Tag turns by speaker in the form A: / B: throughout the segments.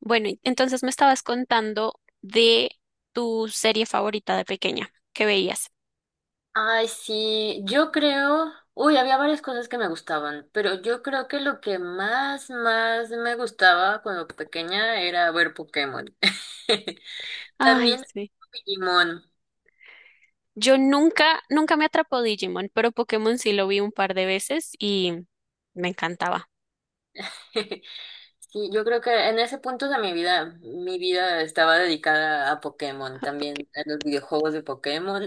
A: Bueno, y entonces me estabas contando de tu serie favorita de pequeña que veías.
B: Ay, sí, yo creo, uy, había varias cosas que me gustaban, pero yo creo que lo que más, más me gustaba cuando pequeña era ver Pokémon.
A: Ay,
B: También
A: sí.
B: Digimon.
A: Yo nunca, nunca me atrapó Digimon, pero Pokémon sí lo vi un par de veces y me encantaba.
B: Sí, yo creo que en ese punto de mi vida estaba dedicada a Pokémon,
A: Porque-
B: también a los videojuegos de Pokémon.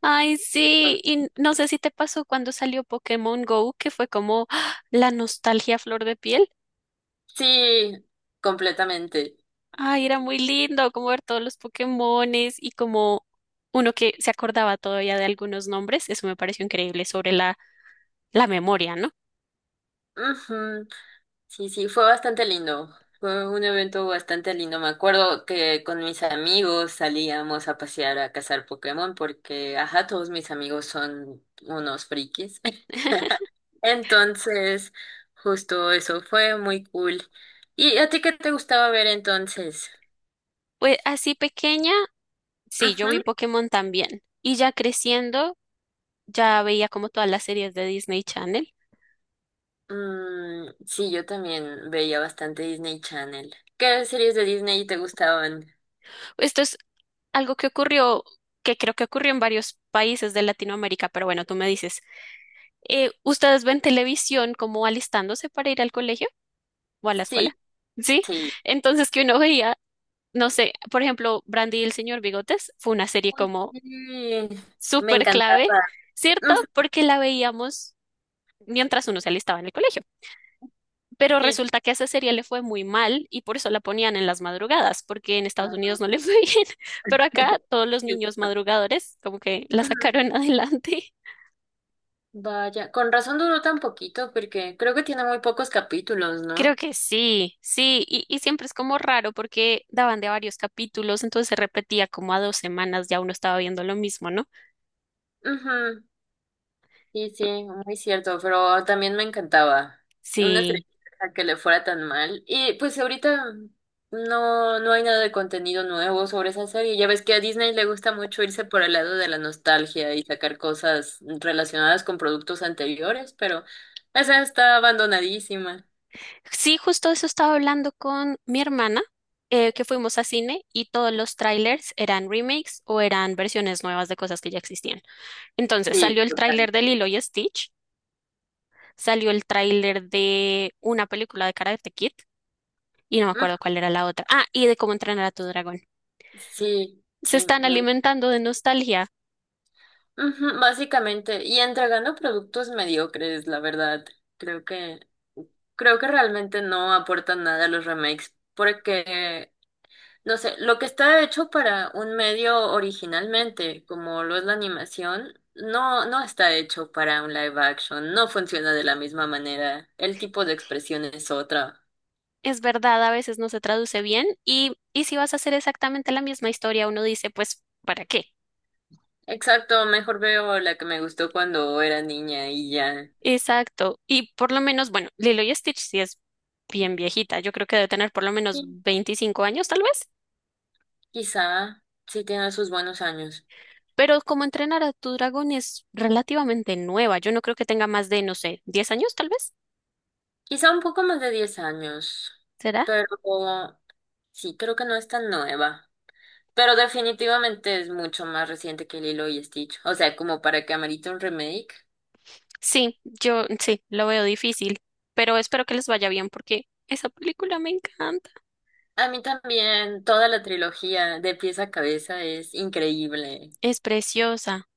A: Ay, sí, y no sé si te pasó cuando salió Pokémon Go, que fue como ¡ah, la nostalgia a flor de piel!
B: Sí, completamente.
A: Ay, era muy lindo como ver todos los Pokémones y como uno que se acordaba todavía de algunos nombres. Eso me pareció increíble sobre la memoria, ¿no?
B: Ujú. Sí, sí, fue bastante lindo. Fue un evento bastante lindo. Me acuerdo que con mis amigos salíamos a pasear a cazar Pokémon porque, ajá, todos mis amigos son unos frikis. Entonces, justo eso fue muy cool. ¿Y a ti qué te gustaba ver entonces?
A: Pues así pequeña, sí, yo vi
B: Ujú.
A: Pokémon también. Y ya creciendo, ya veía como todas las series de Disney Channel.
B: Sí, yo también veía bastante Disney Channel. ¿Qué series de Disney te gustaban?
A: Esto es algo que ocurrió, que creo que ocurrió en varios países de Latinoamérica, pero bueno, tú me dices, ¿ustedes ven televisión como alistándose para ir al colegio o a la escuela?
B: Sí,
A: Sí,
B: sí.
A: entonces que uno veía, no sé, por ejemplo, Brandy y el señor Bigotes fue una serie como
B: Sí, me
A: súper
B: encantaba.
A: clave, ¿cierto?
B: Mm,
A: Porque la veíamos mientras uno se alistaba en el colegio. Pero
B: sí.
A: resulta que a esa serie le fue muy mal y por eso la ponían en las madrugadas, porque en Estados Unidos no le fue bien, pero acá todos los niños madrugadores como que la sacaron adelante.
B: Vaya, con razón duró tan poquito, porque creo que tiene muy pocos capítulos,
A: Creo
B: ¿no?
A: que sí, sí, y siempre es como raro porque daban de varios capítulos, entonces se repetía como a dos semanas, ya uno estaba viendo lo mismo, ¿no?
B: Ujú, sí, sí, muy cierto, pero también me encantaba. Y una
A: Sí.
B: tristeza que le fuera tan mal. Y pues ahorita no, no hay nada de contenido nuevo sobre esa serie. Ya ves que a Disney le gusta mucho irse por el lado de la nostalgia y sacar cosas relacionadas con productos anteriores, pero esa está abandonadísima.
A: Sí, justo eso estaba hablando con mi hermana, que fuimos a cine y todos los trailers eran remakes o eran versiones nuevas de cosas que ya existían. Entonces
B: Sí,
A: salió el tráiler
B: total.
A: de Lilo y Stitch, salió el tráiler de una película de Karate Kid y no me acuerdo
B: Ujú,
A: cuál era la otra. Ah, y de cómo entrenar a tu dragón.
B: sí,
A: Se
B: sí,
A: están
B: muy.
A: alimentando de nostalgia.
B: Ujú, básicamente, y entregando productos mediocres, la verdad. Creo que, creo que realmente no aportan nada a los remakes, porque, no sé, lo que está hecho para un medio originalmente, como lo es la animación, no, no está hecho para un live action, no funciona de la misma manera, el tipo de expresión es otra.
A: Es verdad, a veces no se traduce bien y si vas a hacer exactamente la misma historia, uno dice, pues, ¿para qué?
B: Exacto, mejor veo la que me gustó cuando era niña y ya.
A: Exacto. Y por lo menos, bueno, Lilo y Stitch sí es bien viejita. Yo creo que debe tener por lo menos
B: Y
A: 25 años, tal vez.
B: quizá sí tiene sus buenos años.
A: Pero como entrenar a tu dragón es relativamente nueva. Yo no creo que tenga más de, no sé, 10 años, tal vez.
B: Quizá un poco más de 10 años,
A: ¿Será?
B: pero sí, creo que no es tan nueva. Pero definitivamente es mucho más reciente que Lilo y Stitch. O sea, como para que amerite un remake.
A: Sí, yo sí, lo veo difícil. Pero espero que les vaya bien porque esa película me encanta.
B: A mí también toda la trilogía de pies a cabeza es increíble.
A: Es preciosa.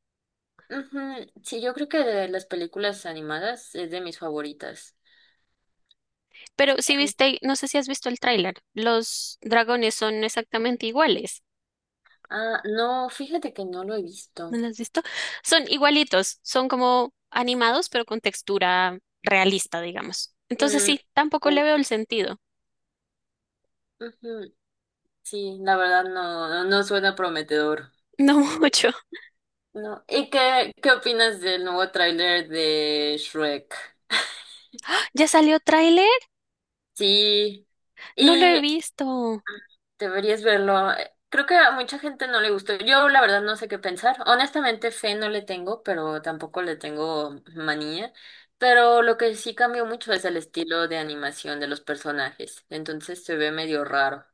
B: Ujú, sí, yo creo que de las películas animadas es de mis favoritas.
A: Pero si viste, no sé si has visto el tráiler. Los dragones son exactamente iguales.
B: Ah, no, fíjate que no lo he
A: ¿No
B: visto.
A: las has visto? Son igualitos, son como animados, pero con textura realista, digamos. Entonces
B: Mm,
A: sí, tampoco le
B: sí,
A: veo el sentido.
B: ujú, sí, la verdad no, no no suena prometedor.
A: No mucho.
B: No. ¿Y qué opinas del nuevo tráiler de Shrek?
A: ¿Ya salió tráiler?
B: Sí.
A: No lo he
B: Y
A: visto.
B: deberías verlo. Creo que a mucha gente no le gustó. Yo la verdad no sé qué pensar. Honestamente, fe no le tengo, pero tampoco le tengo manía. Pero lo que sí cambió mucho es el estilo de animación de los personajes. Entonces se ve medio raro.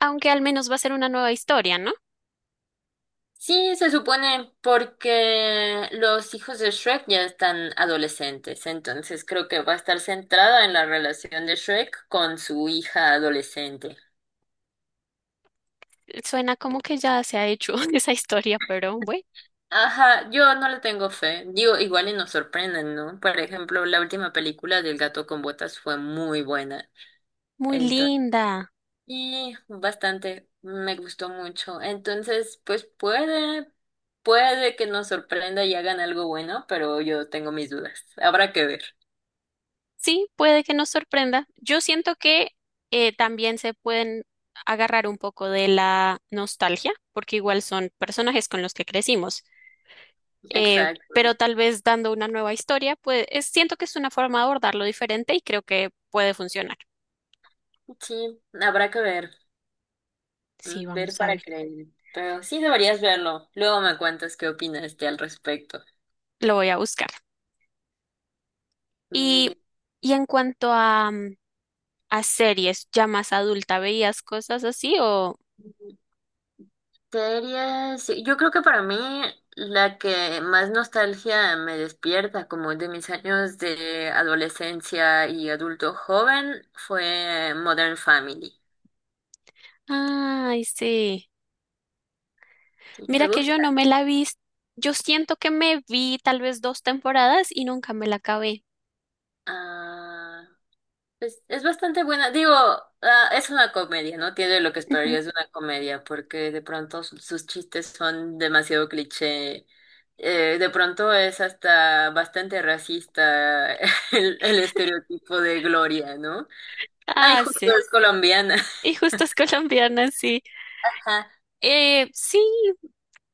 A: Aunque al menos va a ser una nueva historia, ¿no?
B: Sí, se supone porque los hijos de Shrek ya están adolescentes, entonces creo que va a estar centrada en la relación de Shrek con su hija adolescente.
A: Suena como que ya se ha hecho esa historia, pero bueno,
B: Ajá, yo no le tengo fe. Digo, igual y nos sorprenden, ¿no? Por ejemplo, la última película del Gato con Botas fue muy buena.
A: muy
B: Entonces,
A: linda.
B: y bastante, me gustó mucho. Entonces, pues puede que nos sorprenda y hagan algo bueno, pero yo tengo mis dudas. Habrá que ver.
A: Sí, puede que nos sorprenda. Yo siento que también se pueden agarrar un poco de la nostalgia, porque igual son personajes con los que crecimos. eh,
B: Exacto.
A: pero tal vez dando una nueva historia, pues siento que es una forma de abordarlo diferente y creo que puede funcionar.
B: Sí, habrá que ver,
A: Sí,
B: ver
A: vamos a
B: para
A: ver,
B: creer, pero sí deberías verlo. Luego me cuentas qué opinas de al respecto.
A: lo voy a buscar.
B: Muy
A: Y,
B: bien.
A: y en cuanto a, a series ya más adulta, ¿veías cosas así o...?
B: Series, sí, yo creo que para mí la que más nostalgia me despierta, como de mis años de adolescencia y adulto joven, fue Modern Family.
A: Ay, sí.
B: ¿Sí? ¿Te
A: Mira que yo
B: gusta?
A: no me la vi. Yo siento que me vi tal vez 2 temporadas y nunca me la acabé.
B: Ah, es bastante buena. Digo, ah, es una comedia, ¿no? Tiene lo que
A: Ujú.
B: esperarías de una comedia, porque de pronto sus chistes son demasiado cliché. De pronto es hasta bastante racista el estereotipo de Gloria, ¿no? Ay,
A: Ah,
B: justo
A: sí.
B: es colombiana.
A: Y justo es colombiana, sí.
B: Ajá,
A: Sí,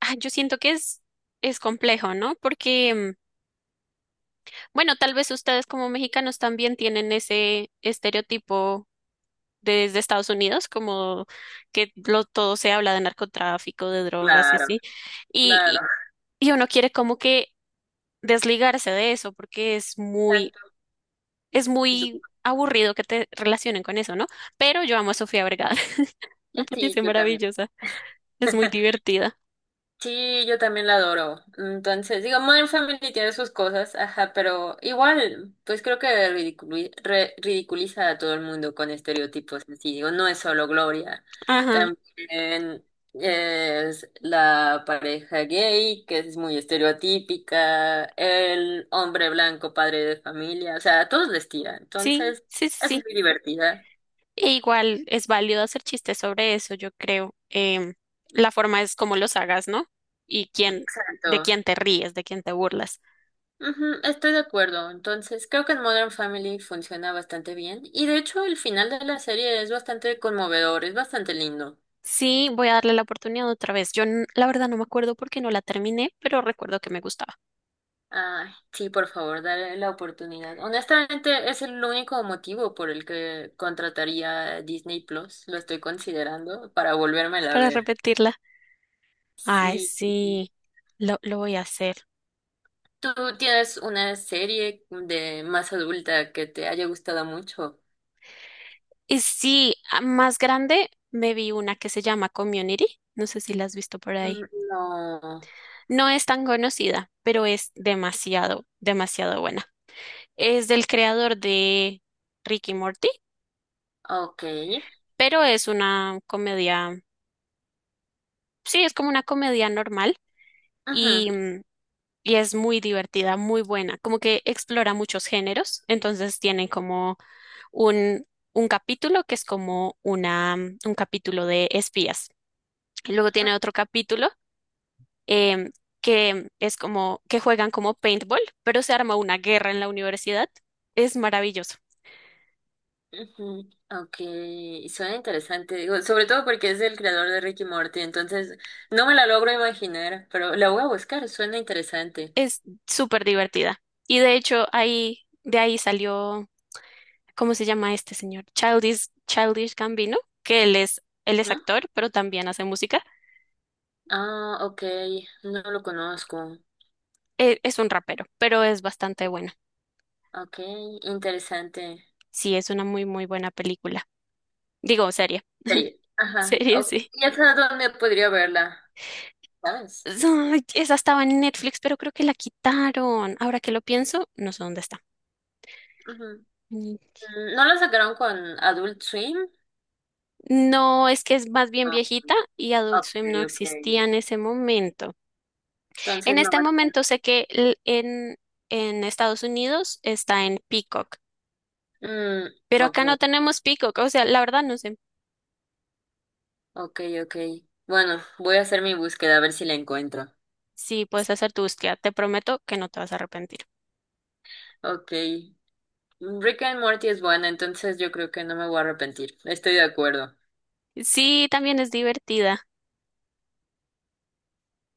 A: ah, yo siento que es complejo, ¿no? Porque, bueno, tal vez ustedes como mexicanos también tienen ese estereotipo desde Estados Unidos, como que lo, todo se habla de narcotráfico, de drogas y
B: claro,
A: así. Y,
B: claro.
A: y, y uno quiere como que desligarse de eso porque
B: Exacto.
A: es
B: Du-
A: muy aburrido que te relacionen con eso, ¿no? Pero yo amo a Sofía Vergara, me
B: Sí,
A: parece
B: yo también.
A: maravillosa, es muy divertida.
B: Sí, yo también la adoro. Entonces, digo, Modern Family tiene sus cosas, ajá, pero igual, pues creo que ridiculiza a todo el mundo con estereotipos así. Digo, no es solo Gloria,
A: Ajá,
B: también es la pareja gay, que es muy estereotípica, el hombre blanco, padre de familia, o sea, a todos les tira.
A: sí,
B: Entonces,
A: sí, sí.
B: es
A: Sí.
B: muy divertida.
A: E igual es válido hacer chistes sobre eso, yo creo. La forma es como los hagas, ¿no? Y quién, de
B: Exacto.
A: quién te ríes, de quién te burlas.
B: Ujú, estoy de acuerdo. Entonces, creo que en Modern Family funciona bastante bien. Y de hecho, el final de la serie es bastante conmovedor, es bastante lindo.
A: Sí, voy a darle la oportunidad otra vez. La verdad no me acuerdo por qué no la terminé, pero recuerdo que me gustaba
B: Ay, sí, por favor, dale la oportunidad. Honestamente, es el único motivo por el que contrataría a Disney Plus. Lo estoy considerando para volvérmela a
A: para
B: ver.
A: repetirla. Ay,
B: Sí.
A: sí, lo voy a hacer.
B: ¿Tú tienes una serie de más adulta que te haya gustado mucho?
A: Y sí, más grande me vi una que se llama Community. No sé si la has visto por ahí.
B: Mm, no.
A: No es tan conocida, pero es demasiado, demasiado buena. Es del creador de Ricky Morty,
B: Ok.
A: pero es una comedia, sí, es como una comedia normal y,
B: Ujú.
A: y es muy divertida, muy buena, como que explora muchos géneros, entonces tienen como un, un capítulo que es como un capítulo de espías. Y luego tiene otro capítulo em, que es como que juegan como paintball, pero se arma una guerra en la universidad. Es maravilloso.
B: Ujú, ok, suena interesante, digo, sobre todo porque es el creador de Ricky Morty, entonces no me la logro imaginar, pero la voy a buscar, suena interesante.
A: Es súper divertida. Y de hecho, de ahí salió, ¿cómo se llama este señor? Childish, Childish Gambino, que él es
B: ¿No?
A: actor, pero también hace música.
B: Ah, ok, no lo conozco.
A: Es un rapero, pero es bastante bueno.
B: Ok, interesante.
A: Sí, es una muy, muy buena película. Digo, serie.
B: Serie. Ajá,
A: Serie,
B: ok,
A: sí.
B: ya sabes dónde podría verla, ¿sabes?
A: Ay, esa estaba en Netflix, pero creo que la quitaron. Ahora que lo pienso, no sé dónde está.
B: Ujú.
A: Mm.
B: ¿No la sacaron con Adult Swim?
A: No, es que es más bien
B: Ah,
A: viejita y Adult
B: ok,
A: Swim no
B: ok.
A: existía en ese momento.
B: Entonces
A: En
B: no
A: este
B: va a
A: momento
B: estar.
A: sé que en Estados Unidos está en Peacock,
B: Mm,
A: pero
B: ok.
A: acá no tenemos Peacock. O sea, la verdad no sé
B: Ok, ok. Bueno, voy a hacer mi búsqueda a ver si la encuentro.
A: si puedes hacer tu búsqueda. Te prometo que no te vas a arrepentir.
B: Ok. Rick and Morty es buena, entonces yo creo que no me voy a arrepentir. Estoy de acuerdo.
A: Sí, también es divertida.